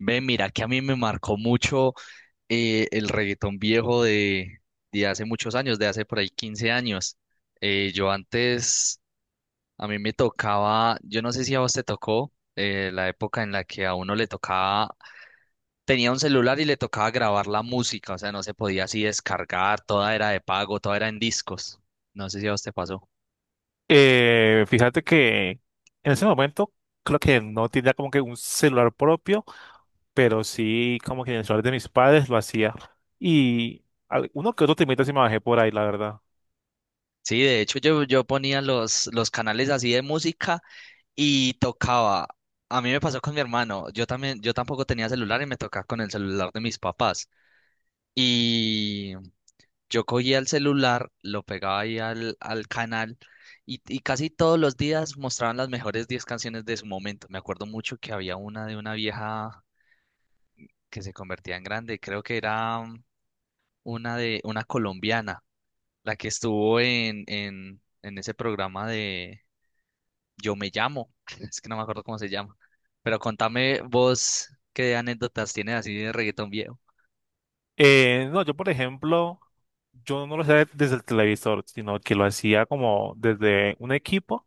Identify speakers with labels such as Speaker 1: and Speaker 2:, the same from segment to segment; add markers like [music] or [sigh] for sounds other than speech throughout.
Speaker 1: Ve, mira que a mí me marcó mucho el reggaetón viejo de hace muchos años, de hace por ahí 15 años. Eh, yo antes, a mí me tocaba, yo no sé si a vos te tocó la época en la que a uno le tocaba, tenía un celular y le tocaba grabar la música, o sea, no se podía así descargar, toda era de pago, toda era en discos. No sé si a vos te pasó.
Speaker 2: Fíjate que en ese momento creo que no tenía como que un celular propio, pero sí como que en el celular de mis padres lo hacía. Y uno que otro temita sí me bajé por ahí, la verdad.
Speaker 1: Sí, de hecho yo ponía los canales así de música. Y tocaba, a mí me pasó con mi hermano, yo también, yo tampoco tenía celular y me tocaba con el celular de mis papás. Y yo cogía el celular, lo pegaba ahí al canal y casi todos los días mostraban las mejores 10 canciones de su momento. Me acuerdo mucho que había una de una vieja que se convertía en grande, creo que era una de una colombiana, la que estuvo en ese programa de Yo Me Llamo, [laughs] es que no me acuerdo cómo se llama. Pero contame vos qué anécdotas tienes así de reggaetón viejo.
Speaker 2: No, yo por ejemplo, yo no lo hacía desde el televisor, sino que lo hacía como desde un equipo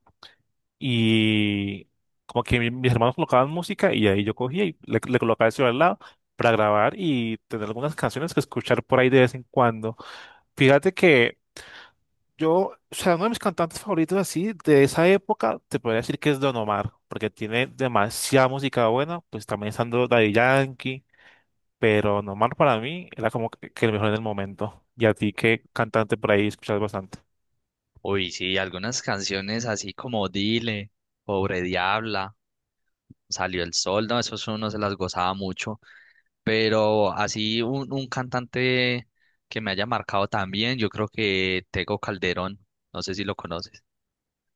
Speaker 2: y como que mis hermanos colocaban música y ahí yo cogía y le colocaba el celular al lado para grabar y tener algunas canciones que escuchar por ahí de vez en cuando. Fíjate que yo, o sea, uno de mis cantantes favoritos así de esa época, te podría decir que es Don Omar, porque tiene demasiada música buena, pues también estando Daddy Yankee, pero Don Omar para mí era como que el mejor en el momento. ¿Y a ti qué cantante por ahí escuchas bastante?
Speaker 1: Uy, sí, algunas canciones así como Dile, Pobre Diabla, Salió el Sol, no, esos uno se las gozaba mucho. Pero así un cantante que me haya marcado también, yo creo que Tego Calderón, no sé si lo conoces.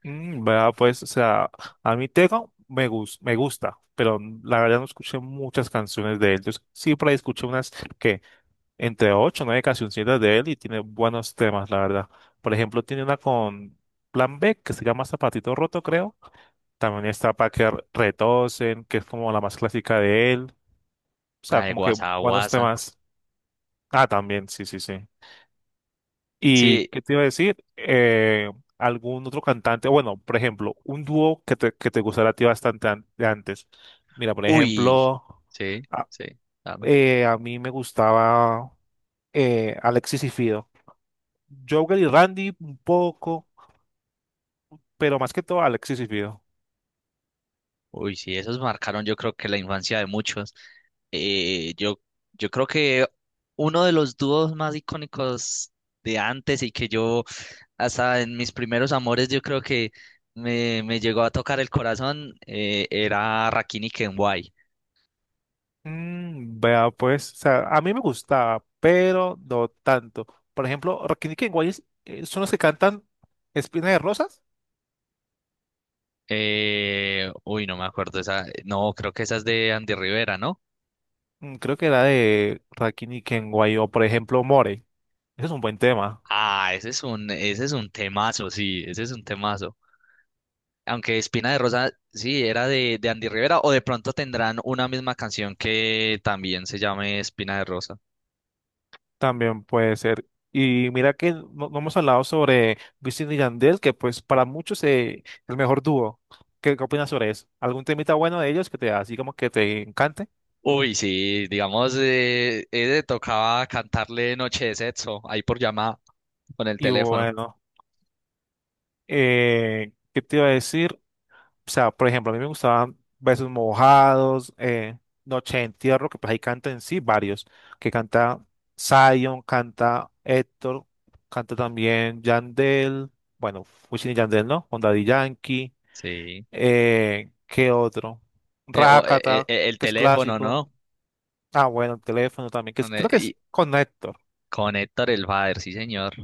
Speaker 2: Mm, vea, pues, o sea, a mí Tego me gusta, pero la verdad no escuché muchas canciones de él. Yo sí por ahí escuché unas que entre ocho o nueve cancioncitas de él y tiene buenos temas, la verdad. Por ejemplo, tiene una con Plan B que se llama Zapatito Roto, creo. También está para que retosen, que es como la más clásica de él. O
Speaker 1: La
Speaker 2: sea,
Speaker 1: de
Speaker 2: como que
Speaker 1: Guasa
Speaker 2: buenos
Speaker 1: Guasa.
Speaker 2: temas. Ah, también, sí, sí, sí. ¿Y
Speaker 1: Sí,
Speaker 2: qué te iba a decir? ¿Algún otro cantante? Bueno, por ejemplo, un dúo que te gustara a ti bastante de antes. Mira, por
Speaker 1: uy,
Speaker 2: ejemplo,
Speaker 1: sí,
Speaker 2: a,
Speaker 1: sí, dame.
Speaker 2: a mí me gustaba Alexis y Fido. Jogger y Randy un poco, pero más que todo Alexis y Fido.
Speaker 1: Uy, sí, esos marcaron yo creo que la infancia de muchos. Eh, yo, yo creo que uno de los dúos más icónicos de antes y que yo hasta en mis primeros amores yo creo que me llegó a tocar el corazón, era Rakim y Kenway.
Speaker 2: Mm, vea, pues, o sea, a mí me gustaba, pero no tanto. Por ejemplo, Rakini Kenway son los que cantan Espina de Rosas.
Speaker 1: No me acuerdo esa, no, creo que esa es de Andy Rivera, ¿no?
Speaker 2: Mm, creo que era de Rakini Kenway o, por ejemplo, More. Ese es un buen tema,
Speaker 1: Ah, ese es un temazo, sí, ese es un temazo. Aunque Espina de Rosa, sí, era de Andy Rivera, o de pronto tendrán una misma canción que también se llame Espina de Rosa.
Speaker 2: también puede ser. Y mira que no, no hemos hablado sobre Wisin y Yandel, que pues para muchos es el mejor dúo. ¿Qué, qué opinas sobre eso? ¿Algún temita bueno de ellos que te así como que te encante?
Speaker 1: Uy, sí, digamos, tocaba cantarle Noche de Sexo ahí por llamada con el
Speaker 2: Y
Speaker 1: teléfono.
Speaker 2: bueno, ¿qué te iba a decir? O sea, por ejemplo, a mí me gustaban Besos Mojados, Noche de Entierro, que pues ahí canta en sí varios, que canta Zion, canta Héctor, canta también Yandel, bueno, Wisin y Yandel, ¿no? Onda Daddy Yankee.
Speaker 1: Sí.
Speaker 2: ¿Qué otro? Rakata,
Speaker 1: El
Speaker 2: que es
Speaker 1: teléfono,
Speaker 2: clásico.
Speaker 1: ¿no?
Speaker 2: Ah, bueno, el teléfono también,
Speaker 1: Con,
Speaker 2: creo que es con Héctor.
Speaker 1: con Héctor el Father, sí, señor.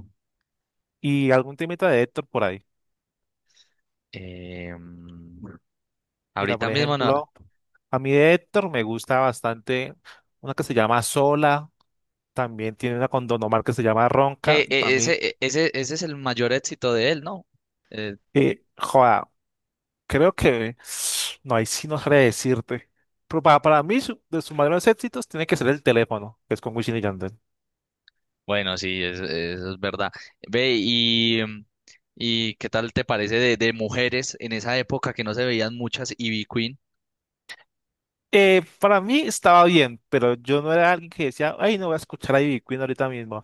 Speaker 2: Y algún temita de Héctor por ahí.
Speaker 1: Eh, mm,
Speaker 2: Mira,
Speaker 1: Ahorita
Speaker 2: por
Speaker 1: mismo no.
Speaker 2: ejemplo, a mí de Héctor me gusta bastante una que se llama Sola. También tiene una con Don Omar que se llama
Speaker 1: Que
Speaker 2: Ronca. Y para mí,
Speaker 1: ese es el mayor éxito de él, ¿no? Eh,
Speaker 2: joda, creo que [sighs] no, ahí sí no sabré decirte. Pero para mí, de sus mayores éxitos, tiene que ser el teléfono, que es con Wisin y Yandel.
Speaker 1: bueno, sí, es- eso es verdad. Ve, y ¿qué tal te parece de mujeres en esa época que no se veían muchas, y B-Queen?
Speaker 2: Para mí estaba bien, pero yo no era alguien que decía, ay, no voy a escuchar a Ivy Queen ahorita mismo,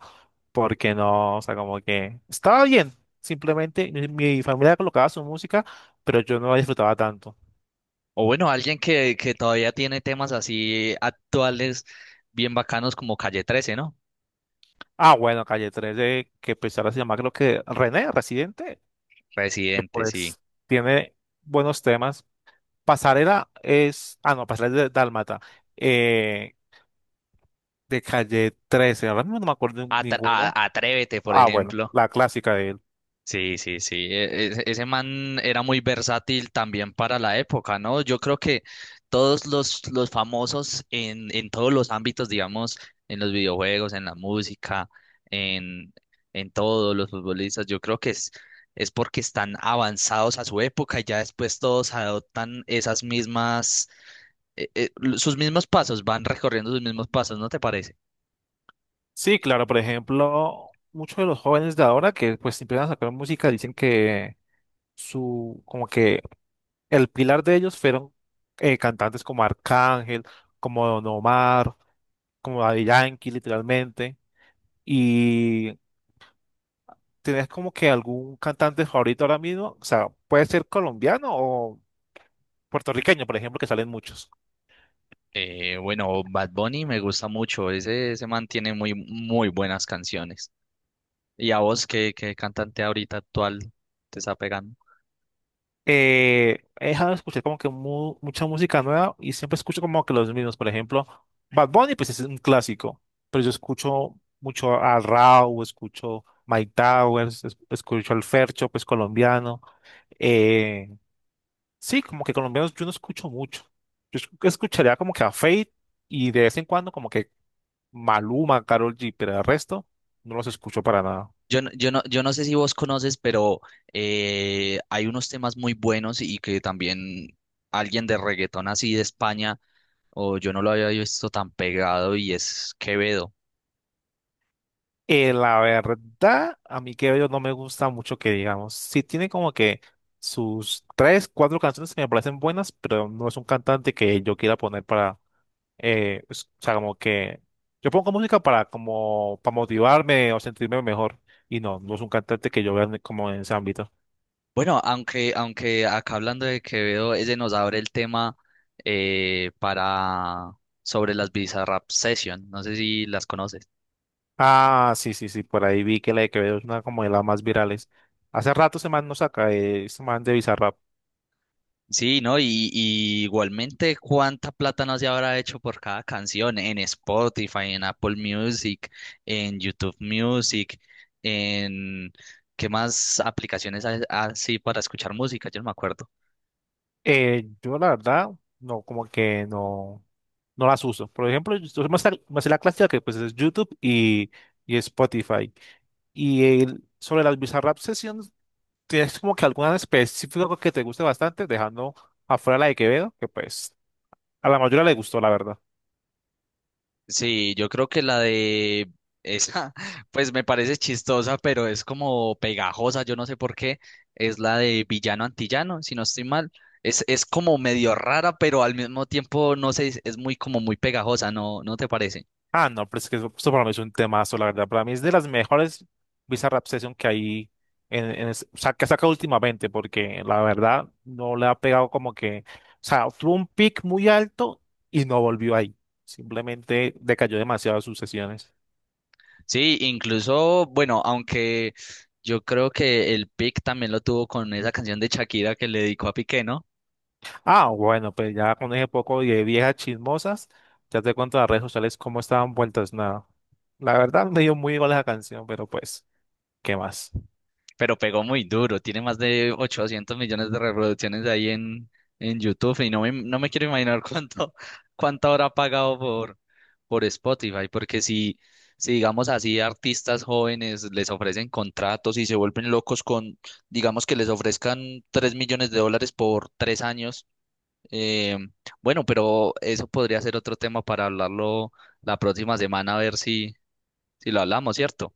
Speaker 2: porque no, o sea, como que estaba bien, simplemente mi familia colocaba su música, pero yo no la disfrutaba tanto.
Speaker 1: O bueno, alguien que todavía tiene temas así actuales, bien bacanos como Calle 13, ¿no?
Speaker 2: Ah, bueno, Calle 13, que pues ahora se llama creo que René, Residente, que
Speaker 1: Residente, sí.
Speaker 2: pues tiene buenos temas. Pasarela es, ah, no, Pasarela es de Dálmata, eh, de Calle 13, ahora mismo no me acuerdo de
Speaker 1: Atra-
Speaker 2: ninguno.
Speaker 1: a- Atrévete, por
Speaker 2: Ah, bueno,
Speaker 1: ejemplo.
Speaker 2: la clásica de
Speaker 1: Sí, sí, sí. e- e- Ese man era muy versátil también para la época, ¿no? Yo creo que todos los famosos en todos los ámbitos, digamos, en los videojuegos, en la música, en, en todos los futbolistas, yo creo que es porque están avanzados a su época y ya después todos adoptan esas mismas, eh, eh, sus mismos pasos, van recorriendo sus mismos pasos, ¿no te parece?
Speaker 2: sí, claro, por ejemplo, muchos de los jóvenes de ahora que pues si empiezan a sacar música dicen que su, como que el pilar de ellos fueron cantantes como Arcángel, como Don Omar, como Daddy Yankee, literalmente. Y ¿tenés como que algún cantante favorito ahora mismo? O sea, puede ser colombiano o puertorriqueño, por ejemplo, que salen muchos.
Speaker 1: Bueno, Bad Bunny me gusta mucho, ese man tiene muy buenas canciones. Y a vos, ¿ qué cantante ahorita actual te está pegando?
Speaker 2: Eh, he dejado de escuchar como que mucha música nueva y siempre escucho como que los mismos. Por ejemplo, Bad Bunny, pues es un clásico, pero yo escucho mucho a Rauw, escucho Mike Towers, escucho al Fercho, pues colombiano. Eh, sí, como que colombianos yo no escucho mucho. Yo escucharía como que a Fate y de vez en cuando como que Maluma, Karol G, pero el resto no los escucho para nada.
Speaker 1: Yo no sé si vos conoces, pero hay unos temas muy buenos y que también alguien de reggaetón así de España, o yo no lo había visto tan pegado, y es Quevedo.
Speaker 2: La verdad, a mí que yo no me gusta mucho que digamos. Sí tiene como que sus tres, cuatro canciones que me parecen buenas, pero no es un cantante que yo quiera poner para, o sea, como que yo pongo música para como para motivarme o sentirme mejor. Y no, no es un cantante que yo vea como en ese ámbito.
Speaker 1: Bueno, aunque acá hablando de Quevedo, ese nos abre el tema, para sobre las Bizarrap Session. No sé si las conoces.
Speaker 2: Ah, sí, sí, sí, por ahí vi que la de Quevedo es una como de las más virales. Hace rato ese man no saca, ese man de Bizarrap.
Speaker 1: Sí, ¿no? Y igualmente, ¿cuánta plata no se habrá hecho por cada canción en Spotify, en Apple Music, en YouTube Music, en qué más aplicaciones hay así para escuchar música? Yo no me acuerdo.
Speaker 2: Yo la verdad, no, como que no, no las uso. Por ejemplo, yo me sé la clásica que pues es YouTube y Spotify. Y sobre las Bizarrap Sessions, ¿tienes como que alguna en específico que te guste bastante, dejando afuera la de Quevedo, que pues a la mayoría le gustó, la verdad?
Speaker 1: Sí, yo creo que la de esa, [laughs] pues me parece chistosa, pero es como pegajosa, yo no sé por qué, es la de Villano Antillano, si no estoy mal. Es como medio rara, pero al mismo tiempo, no sé, es muy como muy pegajosa, ¿ no te parece?
Speaker 2: Ah, no, pero es que eso, esto para mí es un temazo, la verdad. Para mí es de las mejores Bizarrap Session que hay o sea, que saca últimamente, porque la verdad no le ha pegado como que, o sea, tuvo un pic muy alto y no volvió ahí. Simplemente decayó demasiado de sus sesiones.
Speaker 1: Sí, incluso, bueno, aunque yo creo que el pick también lo tuvo con esa canción de Shakira que le dedicó a Piqué, ¿no?
Speaker 2: Ah, bueno, pues ya con ese poco de viejas chismosas, ya te cuento las redes sociales cómo estaban vueltas nada. La verdad me dio muy igual esa canción, pero pues, ¿qué más?
Speaker 1: Pero pegó muy duro, tiene más de 800 millones de reproducciones ahí en YouTube y no me quiero imaginar cuánto, [laughs] cuánto habrá pagado por Spotify, porque si digamos así, artistas jóvenes les ofrecen contratos y se vuelven locos con, digamos que les ofrezcan 3 millones de dólares por 3 años. Eh, bueno, pero eso podría ser otro tema para hablarlo la próxima semana, a ver si lo hablamos, ¿cierto?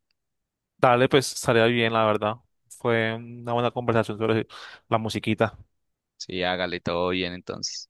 Speaker 2: Dale, pues estaría bien, la verdad. Fue una buena conversación sobre la musiquita.
Speaker 1: Sí, hágale todo bien entonces.